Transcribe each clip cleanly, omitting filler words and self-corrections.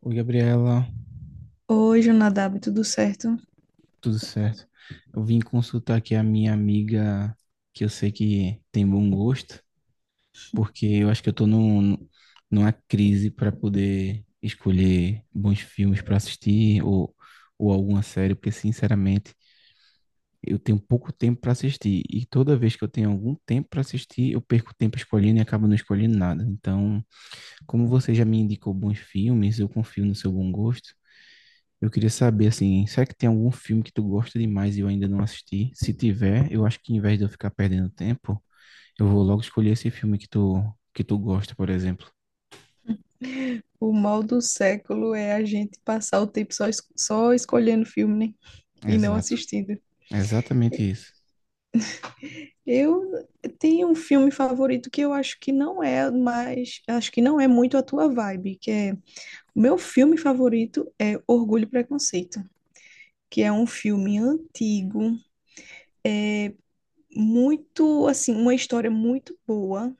Oi, Gabriela, Hoje, Nadab, tudo certo? tudo certo? Eu vim consultar aqui a minha amiga, que eu sei que tem bom gosto, porque eu acho que eu tô numa crise para poder escolher bons filmes para assistir ou alguma série, porque sinceramente eu tenho pouco tempo para assistir e toda vez que eu tenho algum tempo para assistir, eu perco tempo escolhendo e acabo não escolhendo nada. Então, como você já me indicou bons filmes, eu confio no seu bom gosto. Eu queria saber, assim, será que tem algum filme que tu gosta demais e eu ainda não assisti? Se tiver, eu acho que em vez de eu ficar perdendo tempo, eu vou logo escolher esse filme que tu gosta, por exemplo. O mal do século é a gente passar o tempo só, só escolhendo filme, né? E não Exato. assistindo. É exatamente isso. Eu tenho um filme favorito que eu acho que não é mais, acho que não é muito a tua vibe, que é, o meu filme favorito é Orgulho e Preconceito, que é um filme antigo, muito, assim, uma história muito boa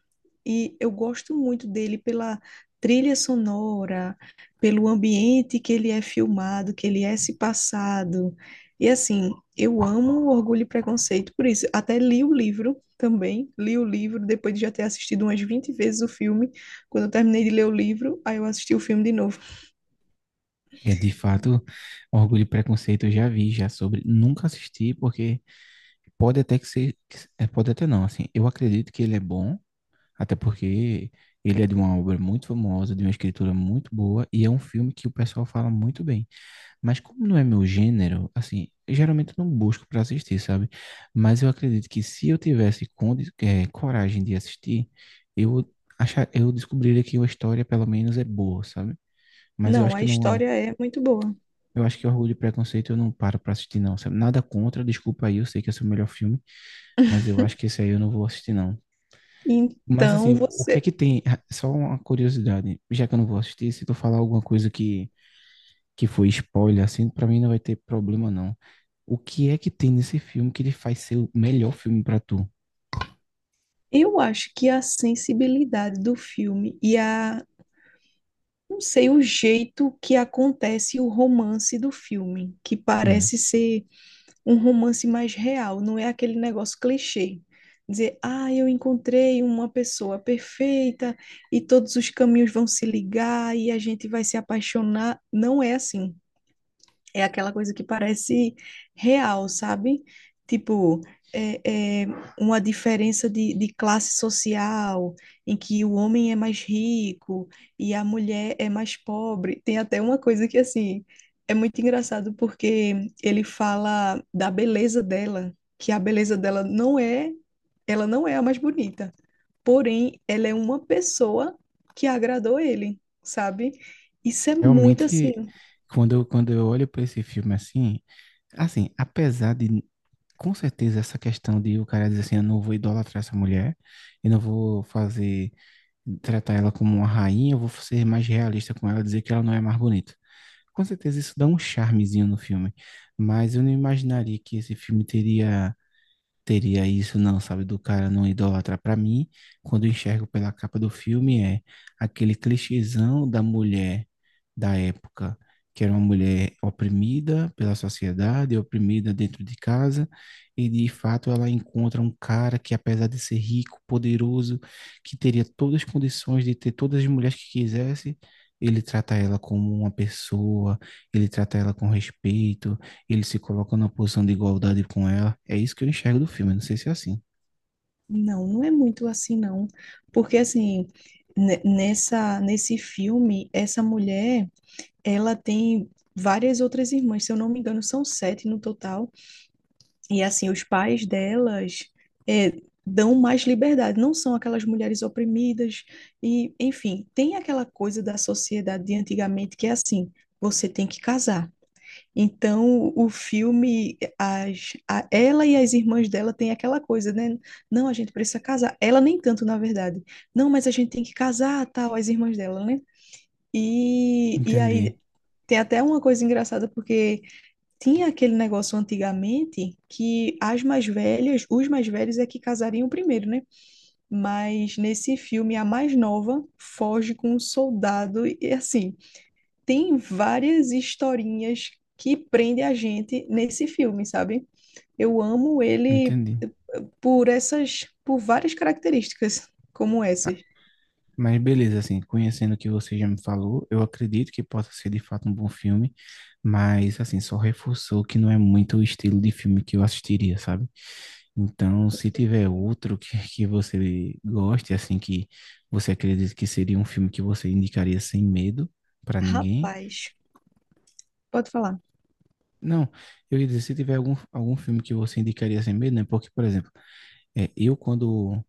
e eu gosto muito dele pela trilha sonora, pelo ambiente que ele é filmado, que ele é se passado. E assim, eu amo Orgulho e Preconceito, por isso, até li o livro também, li o livro depois de já ter assistido umas 20 vezes o filme. Quando eu terminei de ler o livro, aí eu assisti o filme de novo. É de fato, Orgulho e Preconceito eu já vi, já sobre, nunca assisti, porque pode até que ser, que se- é, pode até não, assim, eu acredito que ele é bom, até porque ele é de uma obra muito famosa, de uma escritura muito boa, e é um filme que o pessoal fala muito bem. Mas como não é meu gênero, assim, geralmente eu não busco para assistir, sabe? Mas eu acredito que se eu tivesse coragem de assistir, eu eu descobriria que a história pelo menos é boa, sabe? Mas eu Não, acho a que não, história é muito boa. eu acho que Orgulho e Preconceito eu não paro para assistir não, sabe? Nada contra, desculpa aí, eu sei que esse é o melhor filme, mas eu acho que esse aí eu não vou assistir não. Mas Então, assim, o que é você, que tem? Ah, só uma curiosidade, já que eu não vou assistir, se tu falar alguma coisa que foi spoiler assim, para mim não vai ter problema não. O que é que tem nesse filme que ele faz ser o melhor filme pra tu? eu acho que a sensibilidade do filme e a não sei o jeito que acontece o romance do filme, que Hum. parece ser um romance mais real, não é aquele negócio clichê. Dizer, ah, eu encontrei uma pessoa perfeita e todos os caminhos vão se ligar e a gente vai se apaixonar. Não é assim. É aquela coisa que parece real, sabe? Tipo, é uma diferença de classe social, em que o homem é mais rico e a mulher é mais pobre. Tem até uma coisa que, assim, é muito engraçado, porque ele fala da beleza dela, que a beleza dela não é, ela não é a mais bonita, porém, ela é uma pessoa que agradou ele, sabe? Isso é muito Realmente, assim. Quando eu olho pra esse filme assim, assim, apesar de, com certeza, essa questão de o cara dizer assim, eu não vou idolatrar essa mulher, eu não vou fazer, tratar ela como uma rainha, eu vou ser mais realista com ela, dizer que ela não é mais bonita. Com certeza isso dá um charmezinho no filme, mas eu não imaginaria que esse filme teria teria isso, não, sabe? Do cara não idolatra. Para mim, quando eu enxergo pela capa do filme, é aquele clichêzão da mulher da época, que era uma mulher oprimida pela sociedade, oprimida dentro de casa, e de fato ela encontra um cara que, apesar de ser rico, poderoso, que teria todas as condições de ter todas as mulheres que quisesse. Ele trata ela como uma pessoa, ele trata ela com respeito, ele se coloca numa posição de igualdade com ela. É isso que eu enxergo do filme, não sei se é assim. Não, não é muito assim, não. Porque, assim, nesse filme, essa mulher, ela tem várias outras irmãs, se eu não me engano, são 7 no total. E, assim, os pais delas é, dão mais liberdade, não são aquelas mulheres oprimidas. E, enfim, tem aquela coisa da sociedade de antigamente que é assim: você tem que casar. Então, o filme, ela e as irmãs dela têm aquela coisa, né? Não, a gente precisa casar. Ela nem tanto, na verdade. Não, mas a gente tem que casar, tal, as irmãs dela, né? E Entendi, aí tem até uma coisa engraçada, porque tinha aquele negócio antigamente que as mais velhas, os mais velhos é que casariam primeiro, né? Mas nesse filme, a mais nova foge com um soldado e assim tem várias historinhas que prendem a gente nesse filme, sabe? Eu amo ele entendi. Por essas, por várias características como Ah, essas. mas beleza, assim, conhecendo o que você já me falou, eu acredito que possa ser de fato um bom filme, mas assim, só reforçou que não é muito o estilo de filme que eu assistiria, sabe? Então, se tiver outro que, que você goste, assim, que você acredita que seria um filme que você indicaria sem medo pra ninguém. Rapaz, pode falar. Não, eu ia dizer, se tiver algum, algum filme que você indicaria sem medo, né? Porque, por exemplo, é, eu quando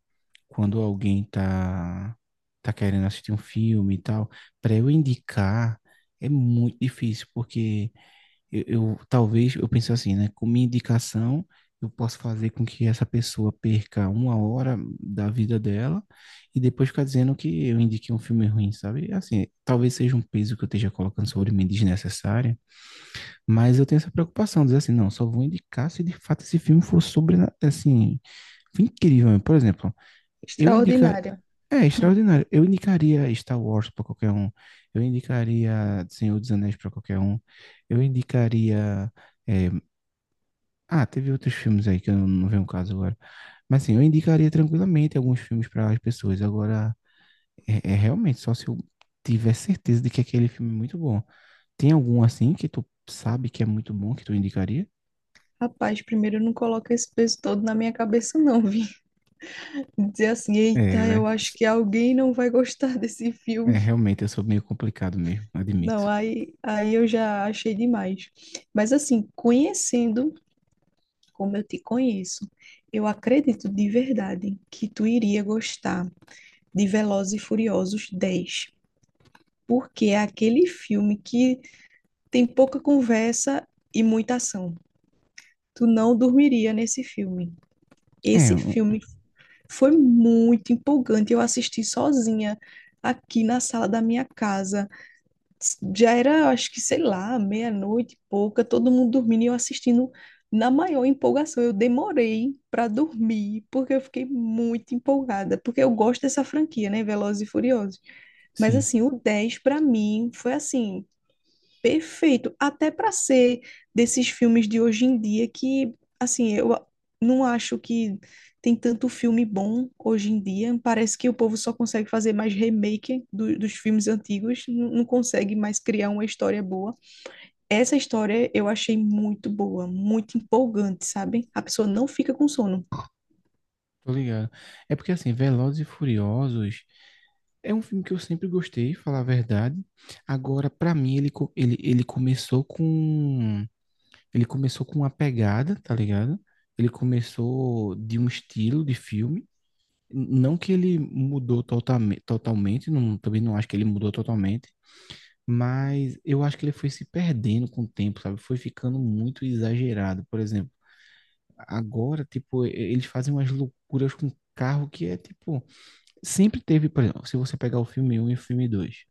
quando alguém tá querendo assistir um filme e tal, para eu indicar é muito difícil, porque talvez eu penso assim, né? Com minha indicação, eu posso fazer com que essa pessoa perca uma hora da vida dela e depois ficar dizendo que eu indiquei um filme ruim, sabe? Assim, talvez seja um peso que eu esteja colocando sobre mim desnecessária, mas eu tenho essa preocupação, dizer assim, não, só vou indicar se de fato esse filme for sobre, assim, incrível. Por exemplo, eu indica, Extraordinária. é extraordinário. Eu indicaria Star Wars para qualquer um. Eu indicaria Senhor dos Anéis para qualquer um. Eu indicaria. eh, Ah, teve outros filmes aí que eu não vejo um caso agora. Mas assim, eu indicaria tranquilamente alguns filmes para as pessoas. Agora, realmente só se eu tiver certeza de que aquele filme é muito bom. Tem algum assim que tu sabe que é muito bom que tu indicaria? Rapaz, primeiro não coloca esse peso todo na minha cabeça, não, vi. Dizer assim, É, eita, eu né? acho que alguém não vai gostar desse É, filme. realmente eu sou meio complicado mesmo, Não, admito. aí, aí eu já achei demais. Mas assim, conhecendo como eu te conheço, eu acredito de verdade que tu iria gostar de Velozes e Furiosos 10, porque é aquele filme que tem pouca conversa e muita ação. Tu não dormiria nesse filme. É, Esse filme foi muito empolgante. Eu assisti sozinha aqui na sala da minha casa. Já era, acho que, sei lá, meia-noite e pouca, todo mundo dormindo e eu assistindo na maior empolgação. Eu demorei para dormir, porque eu fiquei muito empolgada, porque eu gosto dessa franquia, né? Velozes e Furiosos. Mas, sim, assim, o 10 para mim foi assim perfeito, até para ser desses filmes de hoje em dia que, assim, não acho que tem tanto filme bom hoje em dia. Parece que o povo só consegue fazer mais remake dos filmes antigos, não consegue mais criar uma história boa. Essa história eu achei muito boa, muito empolgante, sabe? A pessoa não fica com sono. tô ligado. É porque assim, Velozes e Furiosos. É um filme que eu sempre gostei, falar a verdade. Agora, pra mim, ele começou com. Ele começou com uma pegada, tá ligado? Ele começou de um estilo de filme. Não que ele mudou totalmente, não, também não acho que ele mudou totalmente, mas eu acho que ele foi se perdendo com o tempo, sabe? Foi ficando muito exagerado. Por exemplo, agora, tipo, eles fazem umas loucuras com carro que é tipo. Sempre teve, por exemplo, se você pegar o filme um e o filme 2.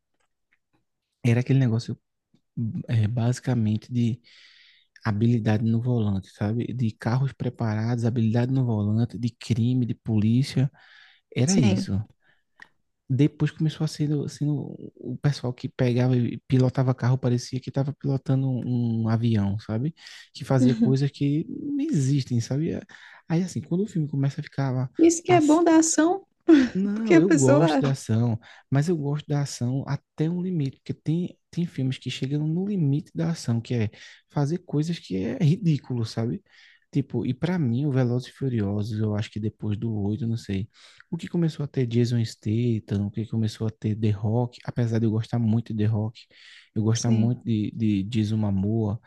Era aquele negócio é, basicamente de habilidade no volante, sabe? De carros preparados, habilidade no volante, de crime, de polícia. Era Sim. isso. Depois começou a ser sendo o pessoal que pegava e pilotava carro, parecia que estava pilotando um avião, sabe? Que fazia Uhum. coisas que não existem, sabe? Aí, assim, quando o filme começa a ficar Isso que é pass- bom da ação, porque não, a eu gosto pessoa, da ação, mas eu gosto da ação até um limite, porque tem filmes que chegam no limite da ação, que é fazer coisas que é ridículo, sabe? Tipo, e pra mim, o Velozes e Furiosos, eu acho que depois do 8, não sei, o que começou a ter Jason Statham, o que começou a ter The Rock, apesar de eu gostar muito de The Rock, eu gostar sim. muito de Jason Momoa,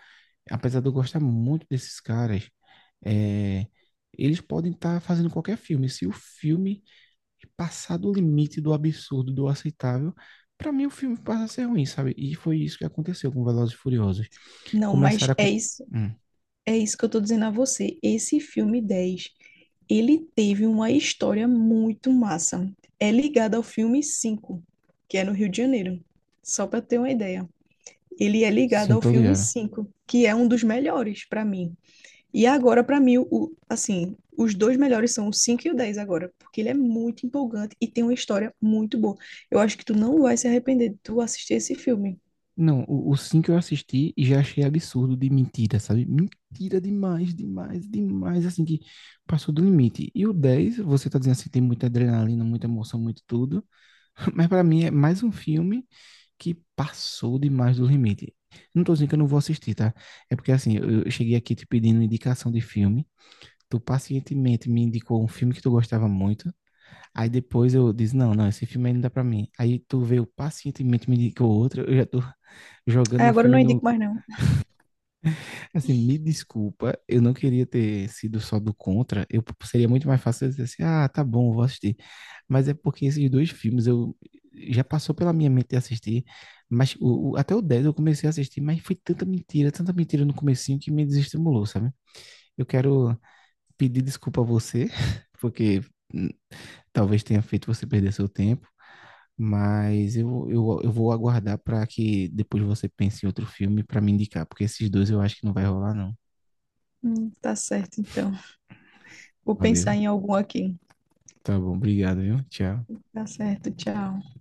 apesar de eu gostar muito desses caras, é, eles podem estar fazendo qualquer filme, se o filme e passar do limite do absurdo, do aceitável, para mim o filme passa a ser ruim, sabe? E foi isso que aconteceu com Velozes e Furiosos. Não, mas Começaram a... é con- isso. Hum, É isso que eu tô dizendo a você. Esse filme 10, ele teve uma história muito massa. É ligado ao filme 5, que é no Rio de Janeiro. Só para ter uma ideia. Ele é ligado sim, ao tô filme ligado. 5, que é um dos melhores para mim. E agora para mim o assim, os dois melhores são o 5 e o 10 agora, porque ele é muito empolgante e tem uma história muito boa. Eu acho que tu não vai se arrepender de tu assistir esse filme. Não, o 5 eu assisti e já achei absurdo de mentira, sabe? Mentira demais, demais, demais, assim, que passou do limite. E o 10 você tá dizendo assim, tem muita adrenalina, muita emoção, muito tudo, mas pra mim é mais um filme que passou demais do limite. Não tô dizendo que eu não vou assistir, tá? É porque, assim, eu cheguei aqui te pedindo indicação de filme. Tu pacientemente me indicou um filme que tu gostava muito. Aí depois eu disse, não, não, esse filme aí não dá pra mim. Aí tu veio pacientemente me indicou outro. Eu já tô Aí jogando o agora eu filme não indico no... mais não. Assim, me desculpa, eu não queria ter sido só do contra. Eu seria muito mais fácil eu dizer assim, ah, tá bom, vou assistir. Mas é porque esses dois filmes eu já passou pela minha mente de assistir, mas até o 10 eu comecei a assistir, mas foi tanta mentira no comecinho que me desestimulou, sabe? Eu quero pedir desculpa a você, porque talvez tenha feito você perder seu tempo, mas eu vou aguardar para que depois você pense em outro filme para me indicar, porque esses dois eu acho que não vai rolar, não. Tá certo então. Vou pensar Valeu. em algum aqui. Tá bom, obrigado, viu? Tchau. Tá certo, tchau.